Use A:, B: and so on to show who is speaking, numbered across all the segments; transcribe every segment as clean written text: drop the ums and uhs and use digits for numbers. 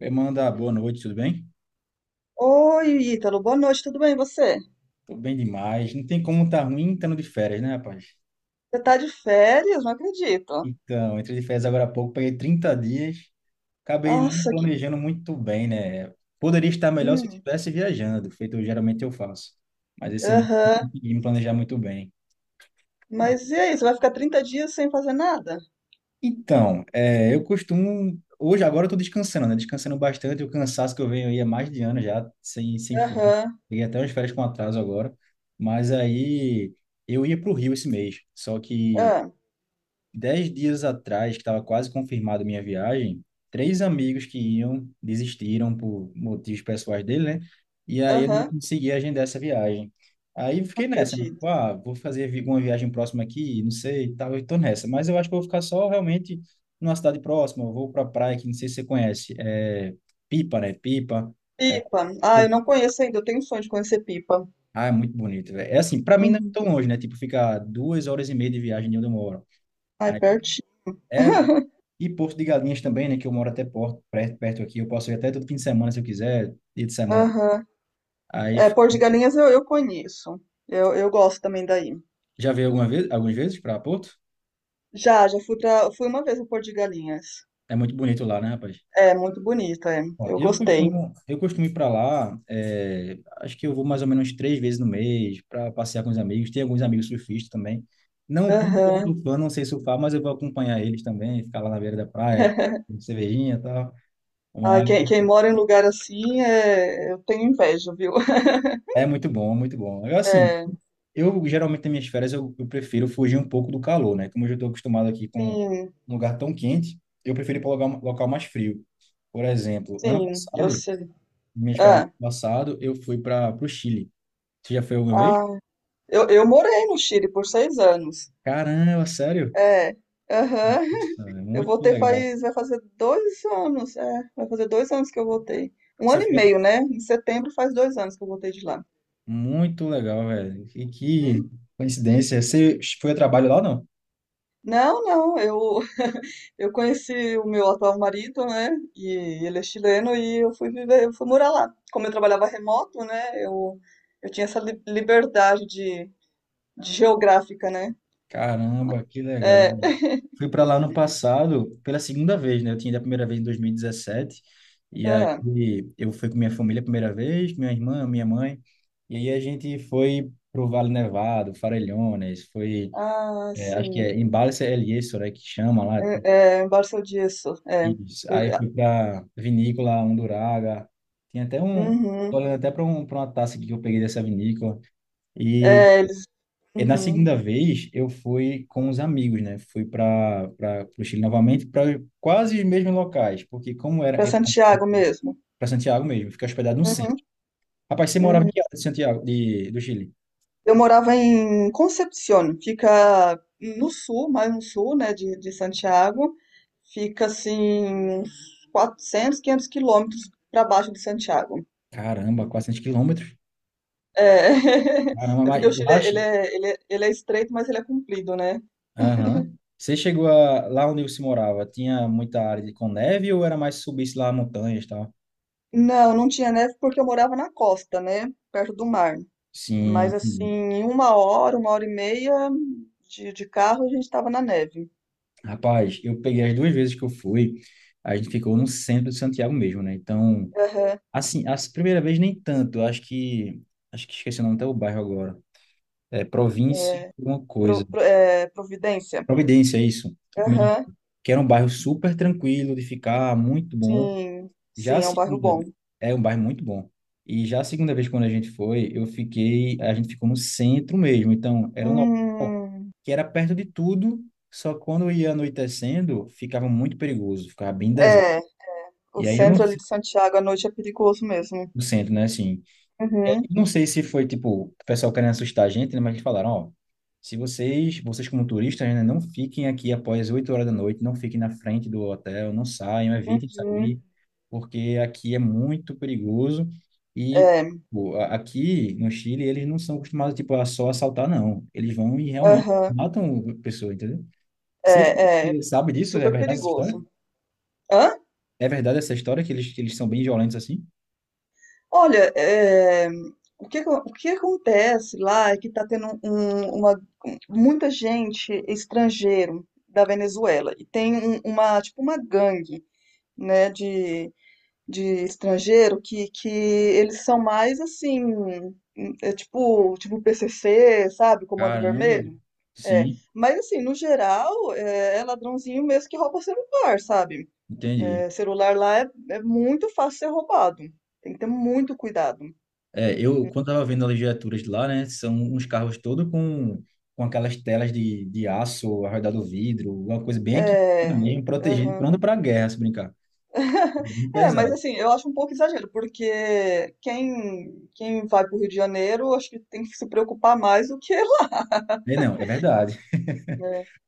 A: Manda, boa noite, tudo bem?
B: Oi, Ítalo, boa noite, tudo bem e você?
A: Tô bem demais. Não tem como tá ruim estando de férias, né, rapaz?
B: Você tá de férias? Não acredito.
A: Então, entrei de férias agora há pouco, peguei 30 dias, acabei nem
B: Nossa, que.
A: planejando muito bem, né? Poderia estar melhor se eu
B: Hum.
A: estivesse viajando, feito geralmente eu faço. Mas esse mês eu
B: Aham.
A: não consegui me planejar muito bem. Bom,
B: Mas e aí, você vai ficar 30 dias sem fazer nada?
A: então, eu costumo. Hoje, agora eu tô descansando, né? Descansando bastante. O cansaço que eu venho aí é mais de ano já, sem fim.
B: Aham,
A: Peguei até umas férias com atraso agora. Mas aí eu ia para o Rio esse mês, só que
B: ah,
A: 10 dias atrás, que estava quase confirmada a minha viagem, três amigos que iam desistiram por motivos pessoais dele, né? E aí eu não
B: aham, não
A: consegui agendar essa viagem. Aí eu fiquei nessa, né? Tipo,
B: acredito.
A: ah, vou fazer uma viagem próxima aqui, não sei, e tal, eu tô nessa. Mas eu acho que eu vou ficar só realmente numa cidade próxima, eu vou pra praia que não sei se você conhece, é Pipa, né? Pipa. É,
B: Pipa. Ah, eu
A: pô,
B: não conheço ainda, eu tenho um sonho de conhecer Pipa.
A: ah, é muito bonito, velho. É assim, pra mim não é
B: Uhum.
A: tão longe, né? Tipo, fica 2 horas e meia de viagem de onde eu moro.
B: Ah, é
A: Aí,
B: pertinho.
A: é e Porto de Galinhas também, né? Que eu moro até Porto, perto, perto aqui. Eu posso ir até todo fim de semana se eu quiser, dia de semana.
B: Aham.
A: Aí,
B: É, Porto de Galinhas eu conheço. Eu gosto também daí.
A: já veio alguma vez, algumas vezes para Porto?
B: Já, fui uma vez no Porto de Galinhas.
A: É muito bonito lá, né, rapaz?
B: É, muito bonito, é.
A: Ó,
B: Eu
A: eu
B: gostei.
A: costumo, eu costumo ir para lá. Acho que eu vou mais ou menos três vezes no mês para passear com os amigos. Tem alguns amigos surfistas também. Não, não tô
B: Aham.
A: surfando, não sei surfar, mas eu vou acompanhar eles também, ficar lá na beira da praia, com cervejinha e tal.
B: Ah, quem mora em lugar assim, é, eu tenho inveja, viu?
A: É muito bom, é muito bom. Eu, assim,
B: É,
A: eu geralmente nas minhas férias eu prefiro fugir um pouco do calor, né? Como eu já estou acostumado aqui com um
B: sim,
A: lugar tão quente, eu prefiro ir para um local mais frio. Por exemplo, ano
B: sim, eu
A: passado,
B: sei.
A: minhas férias do
B: Ah,
A: ano passado, eu fui para o Chile. Você já foi alguma vez?
B: ah, eu morei no Chile por 6 anos.
A: Caramba, sério?
B: É, aham.
A: Nossa, é muito legal.
B: Vai fazer 2 anos, é, vai fazer 2 anos que eu voltei. Um
A: Você
B: ano e
A: foi
B: meio,
A: a-,
B: né? Em setembro faz 2 anos que eu voltei de lá.
A: muito legal, velho. Que coincidência. Você foi a trabalho lá ou não?
B: Não, não, eu conheci o meu atual marido, né? E ele é chileno e eu fui morar lá. Como eu trabalhava remoto, né? Eu tinha essa liberdade de geográfica, né?
A: Caramba, que legal.
B: É,
A: Fui para lá no passado pela segunda vez, né? Eu tinha ido a primeira vez em 2017. E dezessete. E
B: é,
A: aí eu fui com minha família a primeira vez, minha irmã, minha mãe. E aí a gente foi pro Vale Nevado, Farellones, foi,
B: ah,
A: acho que é
B: sim.
A: Embalse El Yeso, né, que chama lá.
B: É, Barça disso. É,
A: Isso.
B: eu,
A: Aí
B: ah,
A: fui para Vinícola Unduraga. Tem até um, tô
B: uhum,
A: olhando até para um, para uma taça aqui que eu peguei dessa vinícola. E
B: é, eles,
A: e na
B: uhum,
A: segunda vez, eu fui com os amigos, né? Fui para o Chile novamente, para quase os mesmos locais, porque como era
B: para Santiago mesmo.
A: para Santiago mesmo, fiquei hospedado no
B: Uhum,
A: centro. Rapaz, você morava em
B: uhum.
A: que área de Santiago, do Chile?
B: Eu morava em Concepción, fica no sul, mais no sul, né? De Santiago. Fica assim uns 400, 500 quilômetros para baixo de Santiago.
A: Caramba, 400 quilômetros.
B: É,
A: Caramba,
B: é
A: mas
B: porque o Chile
A: lá...
B: ele
A: che-.
B: é, ele é, ele é estreito, mas ele é comprido, né?
A: Aham. Você chegou a, lá onde você morava, tinha muita área de, com neve ou era mais subisse lá montanhas e tal?
B: Não, não tinha neve porque eu morava na costa, né? Perto do mar. Mas
A: Sim.
B: assim,
A: Sim.
B: em uma hora e meia de carro, a gente estava na neve.
A: Rapaz, eu peguei as duas vezes que eu fui, a gente ficou no centro de Santiago mesmo, né? Então...
B: Aham,
A: Assim, a primeira vez nem tanto. Eu acho que. Acho que esqueci o nome até o bairro agora. É Província,
B: é,
A: alguma coisa.
B: É, Providência.
A: Providência, é isso. A primeira
B: Aham.
A: vez. Que era um bairro super tranquilo de ficar, muito bom.
B: Sim, sim,
A: Já a
B: é um bairro
A: segunda
B: bom.
A: vez. É um bairro muito bom. E já a segunda vez, quando a gente foi, eu fiquei. A gente ficou no centro mesmo. Então, era um local
B: Hum,
A: que era perto de tudo. Só que quando ia anoitecendo, ficava muito perigoso, ficava bem deserto.
B: é, o
A: E aí eu não
B: centro ali
A: sei
B: de Santiago à noite é perigoso mesmo.
A: o centro, né? Assim. E aí,
B: Uhum,
A: eu não sei se foi, tipo, o pessoal querendo assustar a gente, né? Mas eles falaram, ó, se vocês, como turistas, né, não fiquem aqui após 8 horas da noite, não fiquem na frente do hotel, não saiam, evitem
B: uhum.
A: sair, porque aqui é muito perigoso e
B: É,
A: pô, aqui no Chile eles não são acostumados, tipo, a só assaltar, não. Eles vão e realmente
B: aham,
A: matam a pessoa, entendeu? Você,
B: é
A: você sabe disso? É
B: super
A: verdade essa história?
B: perigoso. Hã?
A: É verdade essa história que eles são bem violentos assim?
B: Olha, é, o que acontece lá é que está tendo uma, muita gente estrangeiro da Venezuela e tem uma, tipo uma gangue, né, de estrangeiro que eles são mais assim, é tipo PCC, sabe? Comando
A: Caramba,
B: Vermelho. É,
A: sim,
B: mas assim, no geral, é ladrãozinho mesmo que rouba celular, sabe?
A: entendi.
B: É, celular lá é, é muito fácil ser roubado. Tem que ter muito cuidado.
A: É, eu, quando estava vendo as legiaturas de lá, né, são uns carros todos com aquelas telas de aço ao redor do vidro, uma coisa bem equipada
B: É,
A: mesmo, protegido
B: aham.
A: pronto para a guerra, se brincar. Bem
B: É, mas
A: pesado.
B: assim, eu acho um pouco exagero, porque quem vai pro Rio de Janeiro, acho que tem que se preocupar mais do que
A: É, não, é verdade.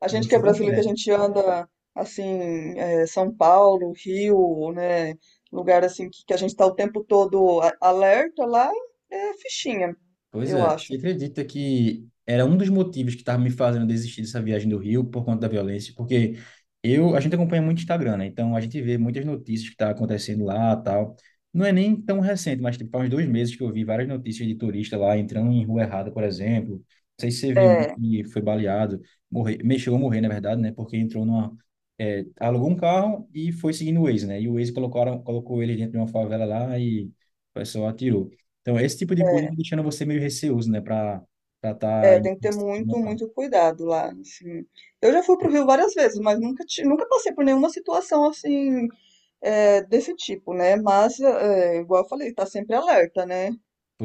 B: a gente que
A: Você
B: é
A: está
B: brasileiro, que a
A: certo.
B: gente anda assim, é, São Paulo, Rio, né? Lugar assim que a gente tá o tempo todo alerta lá, é fichinha,
A: Pois
B: eu
A: é,
B: acho.
A: você acredita que era um dos motivos que estava me fazendo desistir dessa viagem do Rio por conta da violência? Porque eu, a gente acompanha muito o Instagram, né? Então a gente vê muitas notícias que tá acontecendo lá, tal. Não é nem tão recente, mas tipo, faz uns 2 meses que eu vi várias notícias de turista lá entrando em rua errada, por exemplo. Não sei se você viu um
B: É,
A: que foi baleado, morreu, mexeu a morrer, na verdade, né? Porque entrou numa, alugou um carro e foi seguindo o Waze, né? E o Waze colocaram, colocou ele dentro de uma favela lá e o pessoal atirou. Então, esse tipo de coisa
B: é,
A: vai deixando você meio receoso, né, para estar tá
B: é,
A: em
B: tem que ter
A: no
B: muito,
A: local.
B: muito cuidado lá, assim. Eu já fui pro Rio várias vezes, mas nunca passei por nenhuma situação assim, é, desse tipo, né? Mas, é, igual eu falei, tá sempre alerta, né?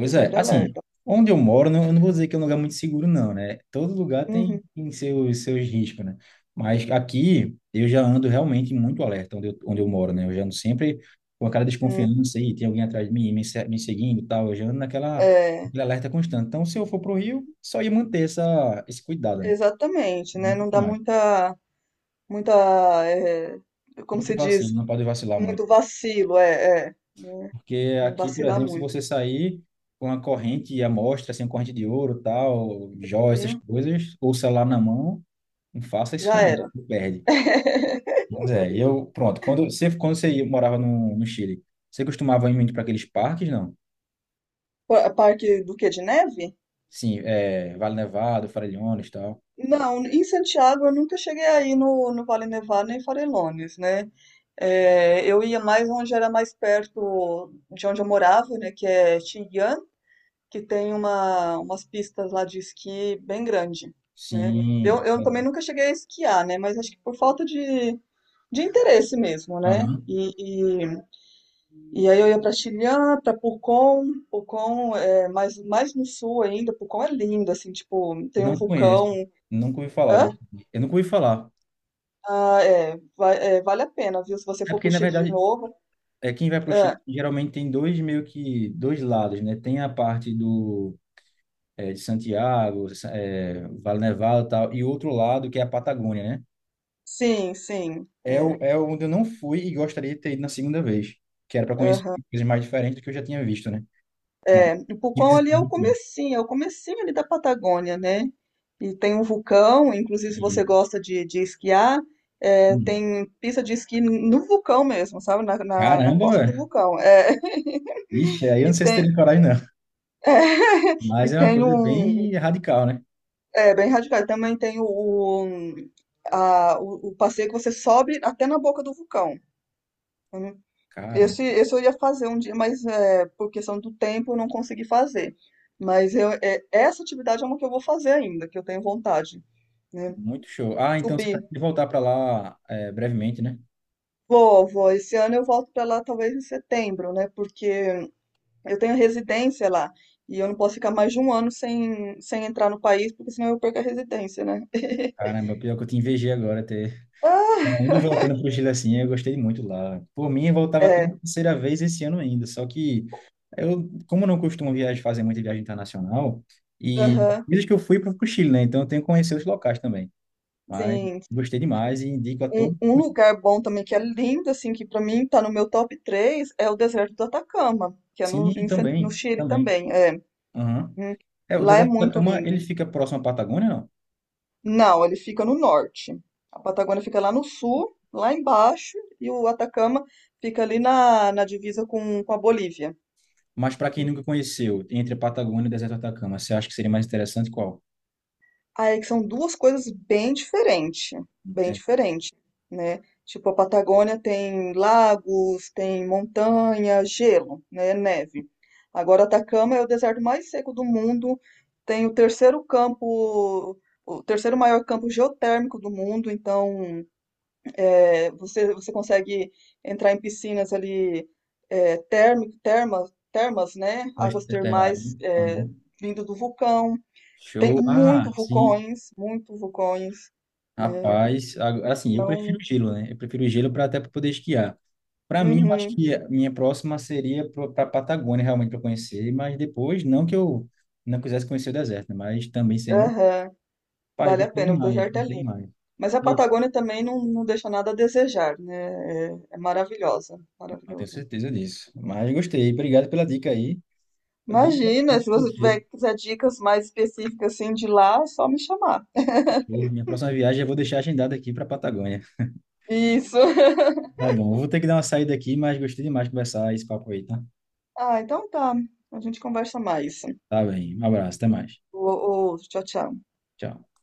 B: Tô
A: é,
B: sempre
A: assim,
B: alerta.
A: onde eu moro, não, eu não vou dizer que é um lugar muito seguro, não, né? Todo lugar tem,
B: Uhum.
A: tem seus riscos, né? Mas aqui eu já ando realmente muito alerta onde eu moro, né? Eu já ando sempre com aquela desconfiança aí, tem alguém atrás de mim me, se- me seguindo e tal, eu já ando naquela,
B: É,
A: naquele alerta constante. Então, se eu for pro Rio, só ia manter essa, esse cuidado, né?
B: exatamente, né?
A: Muito
B: Não dá
A: mais.
B: muita, eh, como
A: Sempre
B: se
A: que
B: diz,
A: não pode vacilar muito.
B: muito vacilo, é, né?
A: Porque
B: Não
A: aqui, por
B: vacilar
A: exemplo, se
B: muito.
A: você sair com uma corrente à mostra, assim, uma corrente de ouro, tal, joias, essas coisas, ou celular na mão, não faça isso
B: Já
A: não,
B: era.
A: você perde. Pois é, eu, pronto, quando você morava no Chile, você costumava ir muito para aqueles parques, não?
B: Parque do quê? De neve?
A: Sim, é, Vale Nevado, Farellones, e tal.
B: Não, em Santiago eu nunca cheguei aí no Vale Nevado nem Farelones, né? É, eu ia mais onde era mais perto de onde eu morava, né? Que é Xi'an, que tem umas pistas lá de esqui bem grande, né? Eu,
A: Sim,
B: eu também
A: é,
B: nunca cheguei a esquiar, né? Mas acho que por falta de interesse mesmo, né?
A: aham.
B: E aí eu ia para Chilhã, para Pucón, Pucón é mais no sul ainda, Pucón é lindo, assim, tipo, tem um
A: Não conheço,
B: vulcão.
A: nunca ouvi falar, né?
B: Hã?
A: Eu nunca ouvi falar.
B: Ah, é, é, vale a pena, viu? Se você
A: É
B: for
A: porque,
B: pro
A: na
B: Chile de
A: verdade,
B: novo.
A: quem vai para o Chile
B: Ah,
A: geralmente tem dois meio que dois lados, né? Tem a parte do de Santiago, Vale Nevado e tal, e o outro lado, que é a Patagônia, né?
B: sim, sim. É,
A: É onde eu não fui e gostaria de ter ido na segunda vez, que era para conhecer coisas mais diferentes do que eu já tinha visto, né? Mas,
B: é, e Pucón ali é o comecinho ali da Patagônia, né? E tem um vulcão, inclusive se você
A: e,
B: gosta de esquiar, é,
A: hum,
B: tem pista de esqui no vulcão mesmo, sabe? Na
A: caramba,
B: costa do
A: velho.
B: vulcão. É,
A: Ixi, aí eu não
B: e
A: sei se
B: tem,
A: teria coragem, não.
B: é, e
A: Mas é uma
B: tem
A: coisa
B: um,
A: bem radical, né?
B: é, bem radical. Também tem o o passeio que você sobe até na boca do vulcão. Uhum.
A: Cara,
B: Esse eu ia fazer um dia, mas é, por questão do tempo eu não consegui fazer. Mas eu, é, essa atividade é uma que eu vou fazer ainda, que eu tenho vontade, né?
A: muito show. Ah, então você vai
B: Subir.
A: voltar para lá brevemente, né?
B: Vou, vou. Esse ano eu volto para lá talvez em setembro, né? Porque eu tenho residência lá e eu não posso ficar mais de um ano sem entrar no país, porque senão eu perco a residência, né?
A: Caramba, pior que eu te invejei agora ter
B: Ah,
A: indo e voltando para o Chile assim, eu gostei muito lá. Por mim, eu voltava até
B: é,
A: a terceira vez esse ano ainda, só que eu, como não costumo viajar, fazer muita viagem internacional, e as
B: aham,
A: vezes que eu fui para o Chile, né? Então eu tenho que conhecer os locais também. Mas
B: sim.
A: gostei demais e indico a
B: Um,
A: todos.
B: um lugar bom também que é lindo, assim, que pra mim tá no meu top 3 é o deserto do Atacama, que é
A: Sim,
B: no
A: também,
B: Chile
A: também.
B: também. É.
A: Aham.
B: Uhum.
A: É, o
B: Lá é
A: deserto do
B: muito
A: Atacama,
B: lindo.
A: ele fica próximo à Patagônia, não?
B: Não, ele fica no norte. A Patagônia fica lá no sul, lá embaixo, e o Atacama fica ali na divisa com a Bolívia.
A: Mas para quem nunca conheceu, entre a Patagônia e o deserto do Atacama, você acha que seria mais interessante qual?
B: Aí que são duas coisas bem
A: Tem-
B: diferentes, né? Tipo, a Patagônia tem lagos, tem montanha, gelo, né? Neve. Agora, Atacama é o deserto mais seco do mundo, tem o terceiro campo, o terceiro maior campo geotérmico do mundo, então é, você consegue entrar em piscinas ali, é, termas, termas, né? Águas
A: tem lá, né?
B: termais é,
A: Aham.
B: vindo do vulcão. Tem
A: Show. Ah, sim.
B: muito vulcões, né?
A: Rapaz, assim, eu prefiro
B: Então,
A: gelo, né? Eu prefiro gelo para até pra poder esquiar. Para mim, eu acho
B: uhum,
A: que a minha próxima seria para Patagônia, realmente, para conhecer, mas depois, não que eu não quisesse conhecer o deserto, né? Mas também seria uma.
B: aham,
A: Rapaz,
B: vale a
A: gostei
B: pena, o
A: demais,
B: deserto é
A: gostei
B: lindo.
A: demais.
B: Mas a
A: Isso,
B: Patagônia também não, não deixa nada a desejar, né? É, maravilhosa,
A: não tenho
B: maravilhosa.
A: certeza disso. Mas gostei, obrigado pela dica aí. Foi bem
B: Imagina,
A: interessante
B: se você
A: conhecer.
B: tiver quiser dicas mais específicas assim de lá, é só me chamar.
A: Fechou. Minha próxima viagem eu vou deixar agendada aqui para Patagônia.
B: Isso.
A: Tá bom, eu vou ter que dar uma saída aqui, mas gostei demais de conversar esse papo aí, tá?
B: Ah, então tá. A gente conversa mais.
A: Tá bem, um abraço, até mais.
B: Ô, ô, tchau, tchau.
A: Tchau.